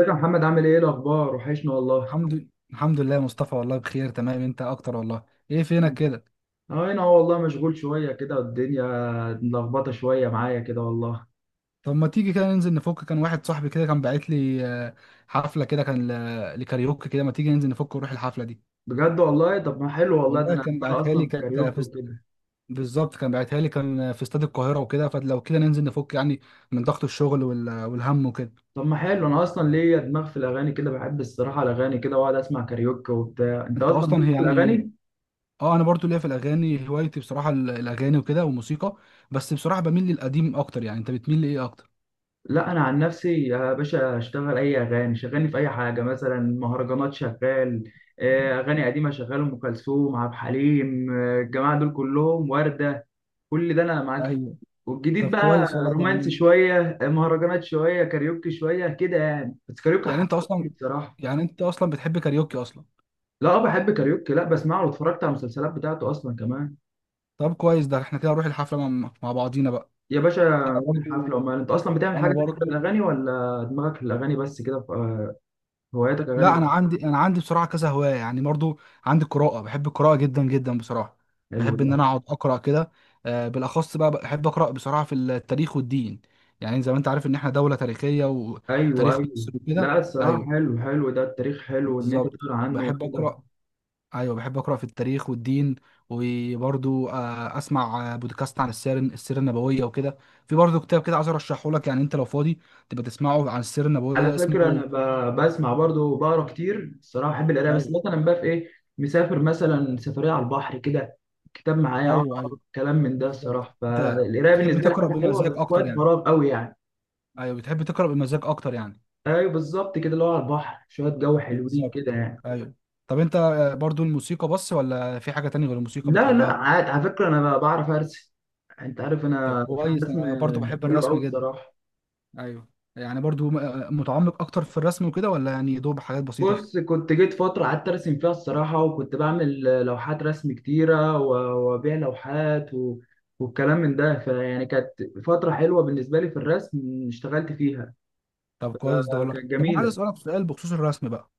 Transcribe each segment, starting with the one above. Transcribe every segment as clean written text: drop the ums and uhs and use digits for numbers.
ازيك يا محمد؟ عامل ايه؟ إيه الاخبار؟ وحشنا والله. الحمد لله، يا مصطفى، والله بخير تمام. انت اكتر والله. ايه فينك كده؟ اه، انا والله مشغول شويه كده، الدنيا ملخبطه شويه معايا كده والله. طب ما تيجي كده ننزل نفك. كان واحد صاحبي كده كان باعت لي حفله كده لكاريوكي كده. ما تيجي ننزل نفك ونروح الحفله دي. بجد والله، طب ما حلو والله، ده والله انا كان دماغي باعتها اصلا لي، في كاريوكي وكده. بالظبط كان باعتها لي، كان في استاد القاهره وكده، فلو كده ننزل نفك يعني من ضغط الشغل والهم وكده. طب ما حلو، انا اصلا ليا دماغ في الاغاني كده، بحب الصراحه الاغاني كده، واقعد اسمع كاريوكي وبتاع. انت انت اصلا اصلا ليك هي في يعني الاغاني؟ اه، انا برضو ليا في الاغاني، هوايتي بصراحه الاغاني وكده والموسيقى. بس بصراحه بميل للقديم اكتر. يعني انت بتميل لايه اكتر؟ لا انا عن نفسي يا باشا اشتغل اي اغاني، شغلني في اي حاجه، مثلا مهرجانات شغال، اغاني قديمه شغال، ام كلثوم، عبد الحليم، الجماعه دول كلهم، ورده، كل ده انا معاك فيه. ايوه. والجديد طب بقى كويس والله رومانسي يعني. شويه، مهرجانات شويه، كاريوكي شويه كده يعني، بس كاريوكي يعني انت اصلا حبيبي بصراحه. يعني انت اصلا بتحب كاريوكي اصلا؟ لا بحب كاريوكي، لا بسمعه، واتفرجت على المسلسلات بتاعته اصلا كمان. طب كويس. ده احنا كده نروح الحفله مع بعضينا بقى. يا باشا، انا يوم برضو. الحفله. امال انت اصلا بتعمل حاجه انا تانية غير برضو. الاغاني، ولا دماغك في الاغاني بس كده؟ هواياتك اغاني لا، انا بس؟ عندي، بصراحه كذا هوايه يعني. برضو عندي قراءه، بحب القراءه جدا جدا بصراحه. حلو بحب ده. ان انا اقعد اقرا كده. بالاخص بقى بحب اقرا بصراحه في التاريخ والدين. يعني زي ما انت عارف ان احنا دوله تاريخيه ايوه وتاريخ ايوه. مصر وكده. لا الصراحه ايوه حلو حلو ده، التاريخ حلو ان انت بالظبط، تقرا عنه بحب وكده. اقرا. ايوه بحب اقرا في التاريخ والدين. وبرضو اسمع بودكاست عن السيره النبويه وكده. في برضو كتاب كده عايز ارشحه لك. يعني انت لو فاضي تبقى تسمعه عن السيره على النبويه، فكرة أنا اسمه. بسمع برضه وبقرا كتير الصراحة، بحب القراية، بس ايوه، مثلا بقى في إيه، مسافر مثلا سفرية على البحر كده، كتاب معايا ايوه، ايوه، أقرأ كلام من ده بالظبط. الصراحة. انت فالقراية بتحب بالنسبة لي تقرا حاجة حلوة، بمزاج بس في اكتر وقت يعني؟ فراغ قوي يعني. ايوه بتحب تقرا بمزاج اكتر يعني. أيوه بالظبط كده، اللي هو على البحر شوية، جو حلوين بالظبط. كده يعني. ايوه. طب انت برضو الموسيقى بس، ولا في حاجه تانية غير الموسيقى لا لا، بتحبها؟ عادي، على فكرة أنا بعرف أرسم. أنت عارف طب أنا في كويس، الرسم. انا برضو بحب حلو الرسم أوي جدا. الصراحة. ايوه. يعني برضو متعمق اكتر في الرسم وكده، ولا يعني دوب حاجات بسيطه؟ بص، كنت جيت فترة قعدت أرسم فيها الصراحة، وكنت بعمل لوحات رسم كتيرة، وأبيع لوحات والكلام من ده، فيعني كانت فترة حلوة بالنسبة لي في الرسم، اشتغلت فيها. طب كويس ده والله. كانت طب انا عايز جميلة. اسالك سؤال بخصوص الرسم بقى.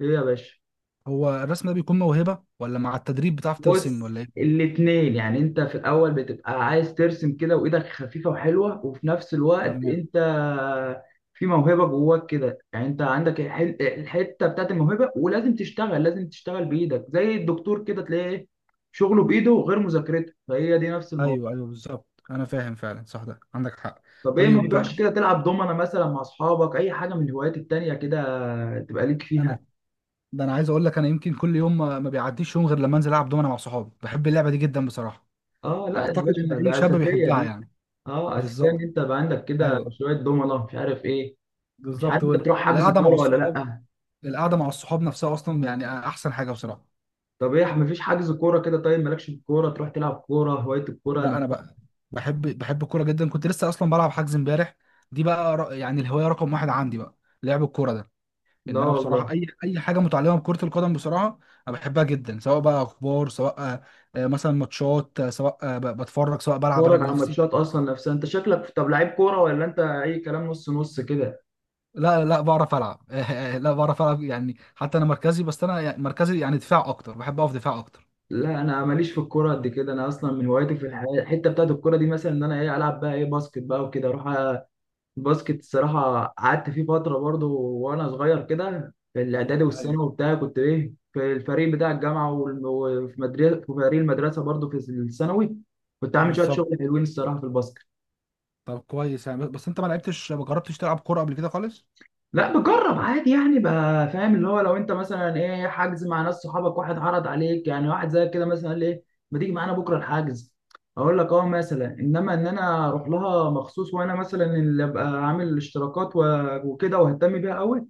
إيه يا باشا؟ هو الرسم ده بيكون موهبه، ولا مع التدريب بتعرف ترسم، بص ولا ايه؟ الاتنين يعني، انت في الاول بتبقى عايز ترسم كده وايدك خفيفة وحلوة، وفي نفس الوقت تمام. انت في موهبة جواك كده، يعني انت عندك الحتة بتاعت الموهبة، ولازم تشتغل، لازم تشتغل بايدك، زي الدكتور كده تلاقيه ايه شغله بايده غير مذاكرته، فهي دي نفس الموضوع. ايوه ايوه بالظبط، انا فاهم فعلا، صح، ده عندك حق. طب ايه، ما طيب بقى، بتروحش كده تلعب دومنة مثلا مع اصحابك؟ اي حاجة من الهوايات التانية كده تبقى ليك فيها؟ انا، ده انا عايز اقول لك، انا يمكن كل يوم ما بيعديش يوم غير لما انزل العب دومنه مع صحابي. بحب اللعبه دي جدا بصراحه. اه لا يا اعتقد ان باشا، اي ده شاب اساسية بيحبها دي. يعني. اه اساسية ان بالظبط. انت يبقى عندك كده ايوه. شوية دومنة، مش عارف ايه. مش بالظبط عارف انت بتروح حجز القعده مع كوره ولا الصحاب. لا؟ نفسها اصلا يعني احسن حاجه بصراحه. طب ايه، مفيش حجز كوره كده؟ طيب مالكش في الكوره، تروح تلعب كوره، هوايه الكوره لا انا نفسها؟ بقى، بحب الكوره جدا، كنت لسه اصلا بلعب حجز امبارح. دي بقى يعني الهوايه رقم واحد عندي بقى، لعب الكوره ده. لا ان انا بصراحه والله. اي حاجه متعلقه بكره القدم بصراحه، انا بحبها جدا. سواء بقى اخبار، سواء مثلا ماتشات، سواء بتفرج، سواء بلعب انا تتفرج على بنفسي. ماتشات اصلا نفسها؟ انت شكلك طب لعيب كوره، ولا انت اي كلام نص نص كده؟ لا بعرف العب. لا بعرف العب يعني. حتى انا مركزي، مركزي يعني دفاع اكتر، بحب اقف دفاع اكتر. لا انا ماليش في الكوره قد كده، انا اصلا من هوايتي في ايوه، الحياه، الحته بتاعت الكوره دي مثلا ان انا ايه، العب بقى ايه، باسكت بقى وكده اروح. الباسكت الصراحة قعدت فيه فترة برضه، وأنا صغير كده في الإعدادي والثانوي ايوه، وبتاع، كنت إيه في الفريق بتاع الجامعة، وفي مدرسة في فريق المدرسة برضه في الثانوي، كنت عامل شوية بالظبط. شغل حلوين الصراحة في الباسكت. طب كويس يعني. بس انت ما لعبتش، ما جربتش تلعب كوره قبل كده خالص؟ لا بجرب عادي يعني بقى، فاهم، اللي هو لو أنت مثلا إيه حجز مع ناس صحابك، واحد عرض عليك يعني، واحد زي كده مثلا قال لي إيه، ما تيجي معانا بكرة الحجز، أقول لك أه مثلا. إنما إن أنا أروح لها مخصوص وأنا مثلا اللي أبقى عامل الاشتراكات وكده، وأهتم بيها أوي،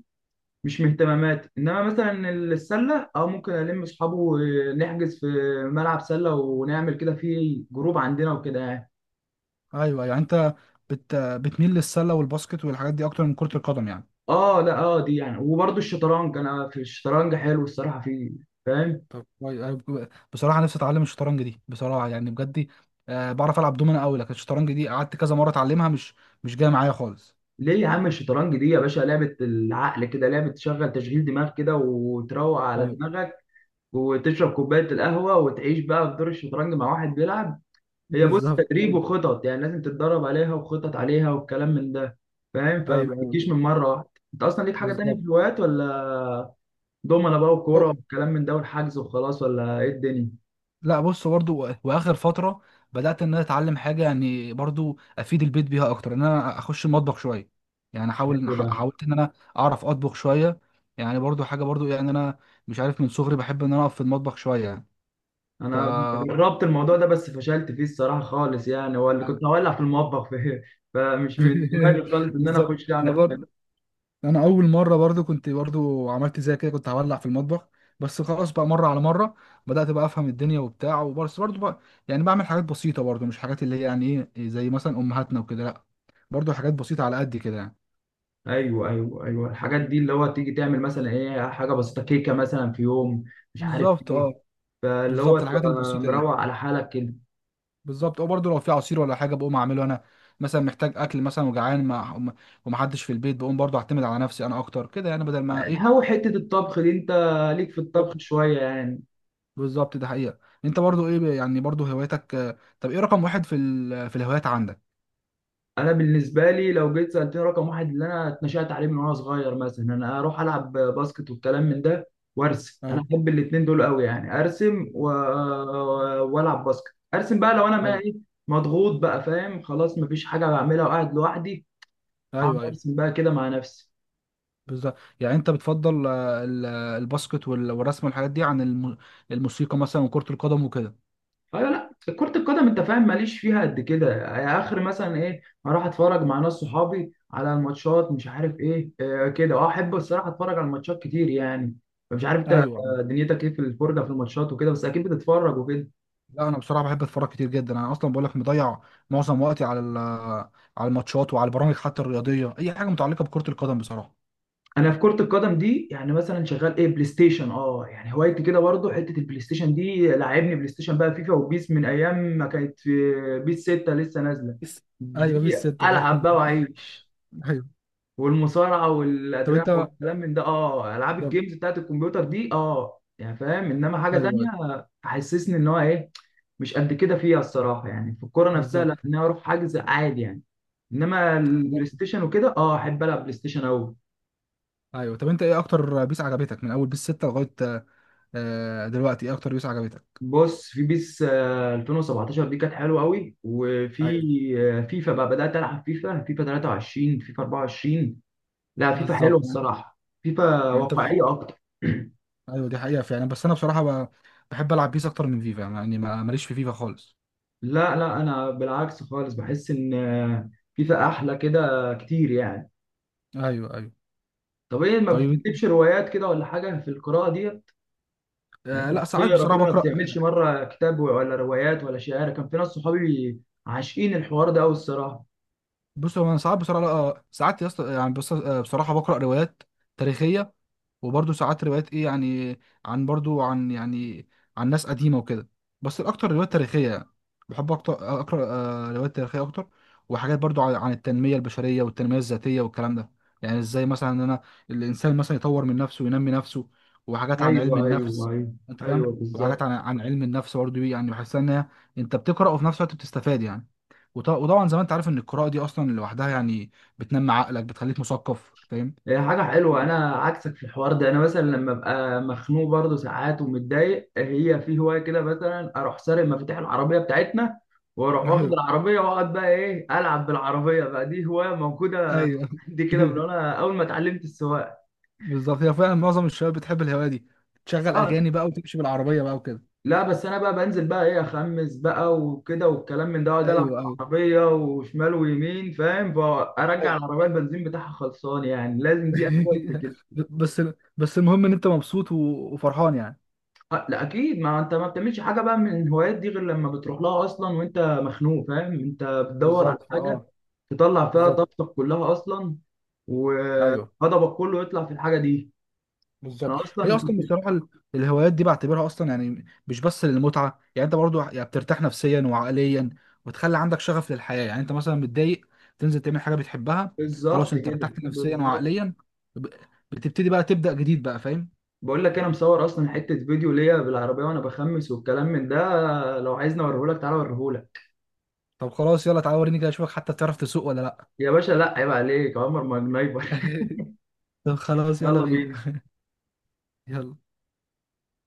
مش من اهتماماتي. انما مثلا السله، اه ممكن الم اصحابه ونحجز في ملعب سله، ونعمل كده في جروب عندنا وكده يعني. ايوه. أيوه. يعني انت بتميل للسله والباسكت والحاجات دي اكتر من كره القدم يعني؟ اه لا، اه دي يعني. وبرضه الشطرنج، انا في الشطرنج حلو الصراحه فيه، فاهم. طب كويس. أنا بصراحه نفسي اتعلم الشطرنج دي بصراحه يعني، بجد دي. آه بعرف العب دومنا قوي، لكن الشطرنج دي قعدت كذا مره اتعلمها، مش جايه معايا خالص. ليه يا عم، الشطرنج دي يا باشا لعبه العقل كده، لعبه تشغل تشغيل دماغ كده، وتروق على ايوه. دماغك، وتشرب كوبايه القهوه، وتعيش بقى في دور الشطرنج مع واحد بيلعب. هي بص، بالظبط. تدريب ايوه، وخطط يعني، لازم تتدرب عليها وخطط عليها والكلام من ده، فاهم، فما ايوه، تجيش ايوه، من مره واحده. انت اصلا ليك حاجه تانية في بالظبط. الهوايات ولا؟ دومنه بقى، وكوره، والكلام من ده، والحجز وخلاص، ولا ايه الدنيا؟ لا بص، برضو واخر فتره بدات ان انا اتعلم حاجه يعني برضو افيد البيت بيها اكتر، ان انا اخش المطبخ شويه. يعني احاول، حلو ده. حاولت ان انا اعرف اطبخ شويه. يعني برضو حاجه، برضو يعني انا مش عارف من صغري بحب ان انا اقف في المطبخ شويه يعني. ف انا جربت الموضوع ده بس فشلت فيه الصراحه خالص يعني، هو اللي كنت هولع في المطبخ فيه، فمش من دماغي خالص ان انا اخش بالظبط انا اعمل حاجه. برضو. انا اول مره برضو كنت برضو عملت زي كده كنت هولع في المطبخ. بس خلاص بقى، مره على مره بدات بقى افهم الدنيا وبتاع. وبس برضو بقى يعني بعمل حاجات بسيطه برضو، مش حاجات اللي هي يعني ايه زي مثلا امهاتنا وكده، لا، برضو حاجات بسيطه على قد كده يعني. ايوه ايوه ايوه، الحاجات دي اللي هو تيجي تعمل مثلا ايه، حاجه بسيطه، كيكه مثلا في يوم، مش عارف بالظبط ايه. اه. فاللي هو بالظبط الحاجات تبقى البسيطه دي. مروق على حالك كده. بالظبط اه. برضو لو في عصير ولا حاجه بقوم اعمله انا، مثلا محتاج اكل مثلا وجعان، ما ومحدش في البيت بقوم برضو اعتمد على نفسي انا اكتر كده يعني، بدل ما ايه. هو حتة الطبخ دي، انت ليك في الطبخ شوية يعني؟ بالظبط. ده حقيقة. انت برضو ايه، يعني برضو هواياتك، طب ايه رقم واحد في الهوايات عندك؟ انا بالنسبة لي لو جيت سألتني رقم واحد اللي انا اتنشأت عليه من وانا صغير، مثلا انا اروح العب باسكت والكلام من ده، وارسم، انا ايوه، احب الاتنين دول قوي يعني، ارسم والعب باسكت. ارسم بقى لو انا ما ايوه، ايه، مضغوط بقى، فاهم، خلاص مفيش حاجة بعملها وقاعد لوحدي، اقعد ايوه. ايوه ارسم بقى كده مع نفسي. بالظبط. يعني انت بتفضل الباسكت والرسم والحاجات دي عن الموسيقى مثلا وكرة القدم وكده؟ ايوه لا، كرة القدم انت فاهم ماليش فيها قد كده يعني، اخر مثلا ايه اروح اتفرج مع ناس صحابي على الماتشات، مش عارف ايه، آه كده، اه احب الصراحة اتفرج على الماتشات كتير يعني. مش عارف انت، ايوه. دنيتك ايه في الفرجة في الماتشات وكده؟ بس اكيد بتتفرج وكده. لا انا بصراحة بحب اتفرج كتير جدا. انا اصلا بقول لك مضيع معظم وقتي على على الماتشات وعلى البرامج حتى الرياضية. اي حاجة متعلقة بكرة القدم بصراحة. انا في كرة القدم دي يعني مثلا شغال ايه، بلاي ستيشن، اه يعني هوايتي كده برضه، حتة البلاي ستيشن دي لعبني. بلاي ستيشن بقى، فيفا وبيس، من ايام ما كانت في بيس 6 لسه نازلة، بس. ايوه دي بس انت العب فاهم. بقى واعيش. ايوه. والمصارعه طب والادراع انت. والكلام من ده، اه، العاب بالظبط. الجيمز بتاعت الكمبيوتر دي، اه يعني فاهم. انما حاجه ايوه، تانية ايوه، حسسني ان هو ايه، مش قد كده فيها الصراحه يعني في الكوره نفسها، لا بالظبط. ان انا اروح حجز عادي يعني. انما البلاي ستيشن وكده، اه احب العب بلاي ستيشن قوي. ايوه. طب انت ايه اكتر بيس عجبتك من اول بيس 6 لغايه دلوقتي؟ ايه اكتر بيس عجبتك؟ بص في بيس 2017 دي كانت حلوه قوي. وفي ايوه فيفا بقى، بدات العب فيفا، فيفا 23، فيفا 24. لا فيفا حلوه بالظبط يعني. الصراحه، فيفا يعني انت بتحب. واقعيه اكتر. ايوه دي حقيقه فعلا. بس انا بصراحه بحب العب بيس اكتر من فيفا يعني، ماليش في فيفا خالص. لا لا انا بالعكس خالص، بحس ان فيفا احلى كده كتير يعني. ايوه ايوه. طب ايه، ما طيب، بتكتبش روايات كده ولا حاجه في القراءه دي يعني؟ انت آه لا ساعات بتقرا بصراحه كده، ما بكره. بتعملش مره كتاب، ولا روايات، ولا شعر؟ كان في ناس صحابي عاشقين الحوار ده قوي الصراحه. بص هو انا ساعات بصراحه ساعات يا اسطى يعني. بص، بصراحه بقرا روايات تاريخيه، وبرضه ساعات روايات ايه يعني عن، برضه عن يعني عن ناس قديمه وكده. بس الاكتر روايات تاريخيه يعني، بحب اكتر اقرا روايات تاريخيه اكتر. وحاجات برضه عن التنميه البشريه والتنميه الذاتيه والكلام ده. يعني ازاي مثلا ان انا الانسان مثلا يطور من نفسه وينمي نفسه. وحاجات عن علم ايوه ايوه النفس. ايوه انت فاهم؟ ايوه وحاجات بالظبط. عن علم النفس برضه يعني. بحس ان هي، انت بتقرا وفي نفس الوقت بتستفاد يعني. وطبعا زي ما انت عارف ان القراءه دي اصلا لوحدها يعني بتنمي عقلك، بتخليك مثقف. فاهم؟ هي حاجة حلوة، أنا عكسك في الحوار ده. أنا مثلا لما أبقى مخنوق برضه ساعات ومتضايق، هي في هواية كده مثلا، أروح سارق مفاتيح العربية بتاعتنا، وأروح واخد ايوه العربية، وأقعد بقى إيه ألعب بالعربية بقى. دي هواية موجودة ايوه. عندي كده من وأنا أول ما اتعلمت السواقة. بالظبط. هي فعلا معظم الشباب بتحب الهوايه دي، تشغل أه اغاني بقى وتمشي بالعربيه بقى وكده. لا، بس أنا بقى بنزل بقى إيه، أخمس بقى وكده والكلام من ده، وأقعد ألعب ايوه، ايوه، بالعربية، وشمال ويمين فاهم، فأرجع ايوه. العربية البنزين بتاعها خلصان يعني، لازم دي أساسي كده. بس. بس المهم ان انت مبسوط وفرحان يعني. لا اكيد، ما انت ما بتعملش حاجه بقى من الهوايات دي غير لما بتروح لها اصلا وانت مخنوق، فاهم، انت بتدور على بالظبط حاجه اه. تطلع فيها بالظبط. طاقتك كلها اصلا، ايوه. وغضبك كله يطلع في الحاجه دي. بالظبط. انا هي اصلا اصلا كنت. بصراحه الهوايات دي بعتبرها اصلا يعني مش بس للمتعه، يعني انت برضو يعني بترتاح نفسيا وعقليا وتخلي عندك شغف للحياه. يعني انت مثلا متضايق، تنزل تعمل حاجه بتحبها، خلاص بالظبط انت كده، ارتحت نفسيا بالظبط. وعقليا. ب- بتبتدي بقى تبدا جديد بقى. فاهم؟ بقول لك انا مصور اصلا حته فيديو ليا بالعربيه وانا بخمس والكلام من ده، لو عايزني اوريهولك تعالى اوريهولك. طب خلاص يلا تعالى وريني كده، اشوفك حتى بتعرف تسوق ولا لا. يا باشا لا عيب عليك، عمر ما جنايبر. طب خلاص يلا يلا بينا. بينا. يلا.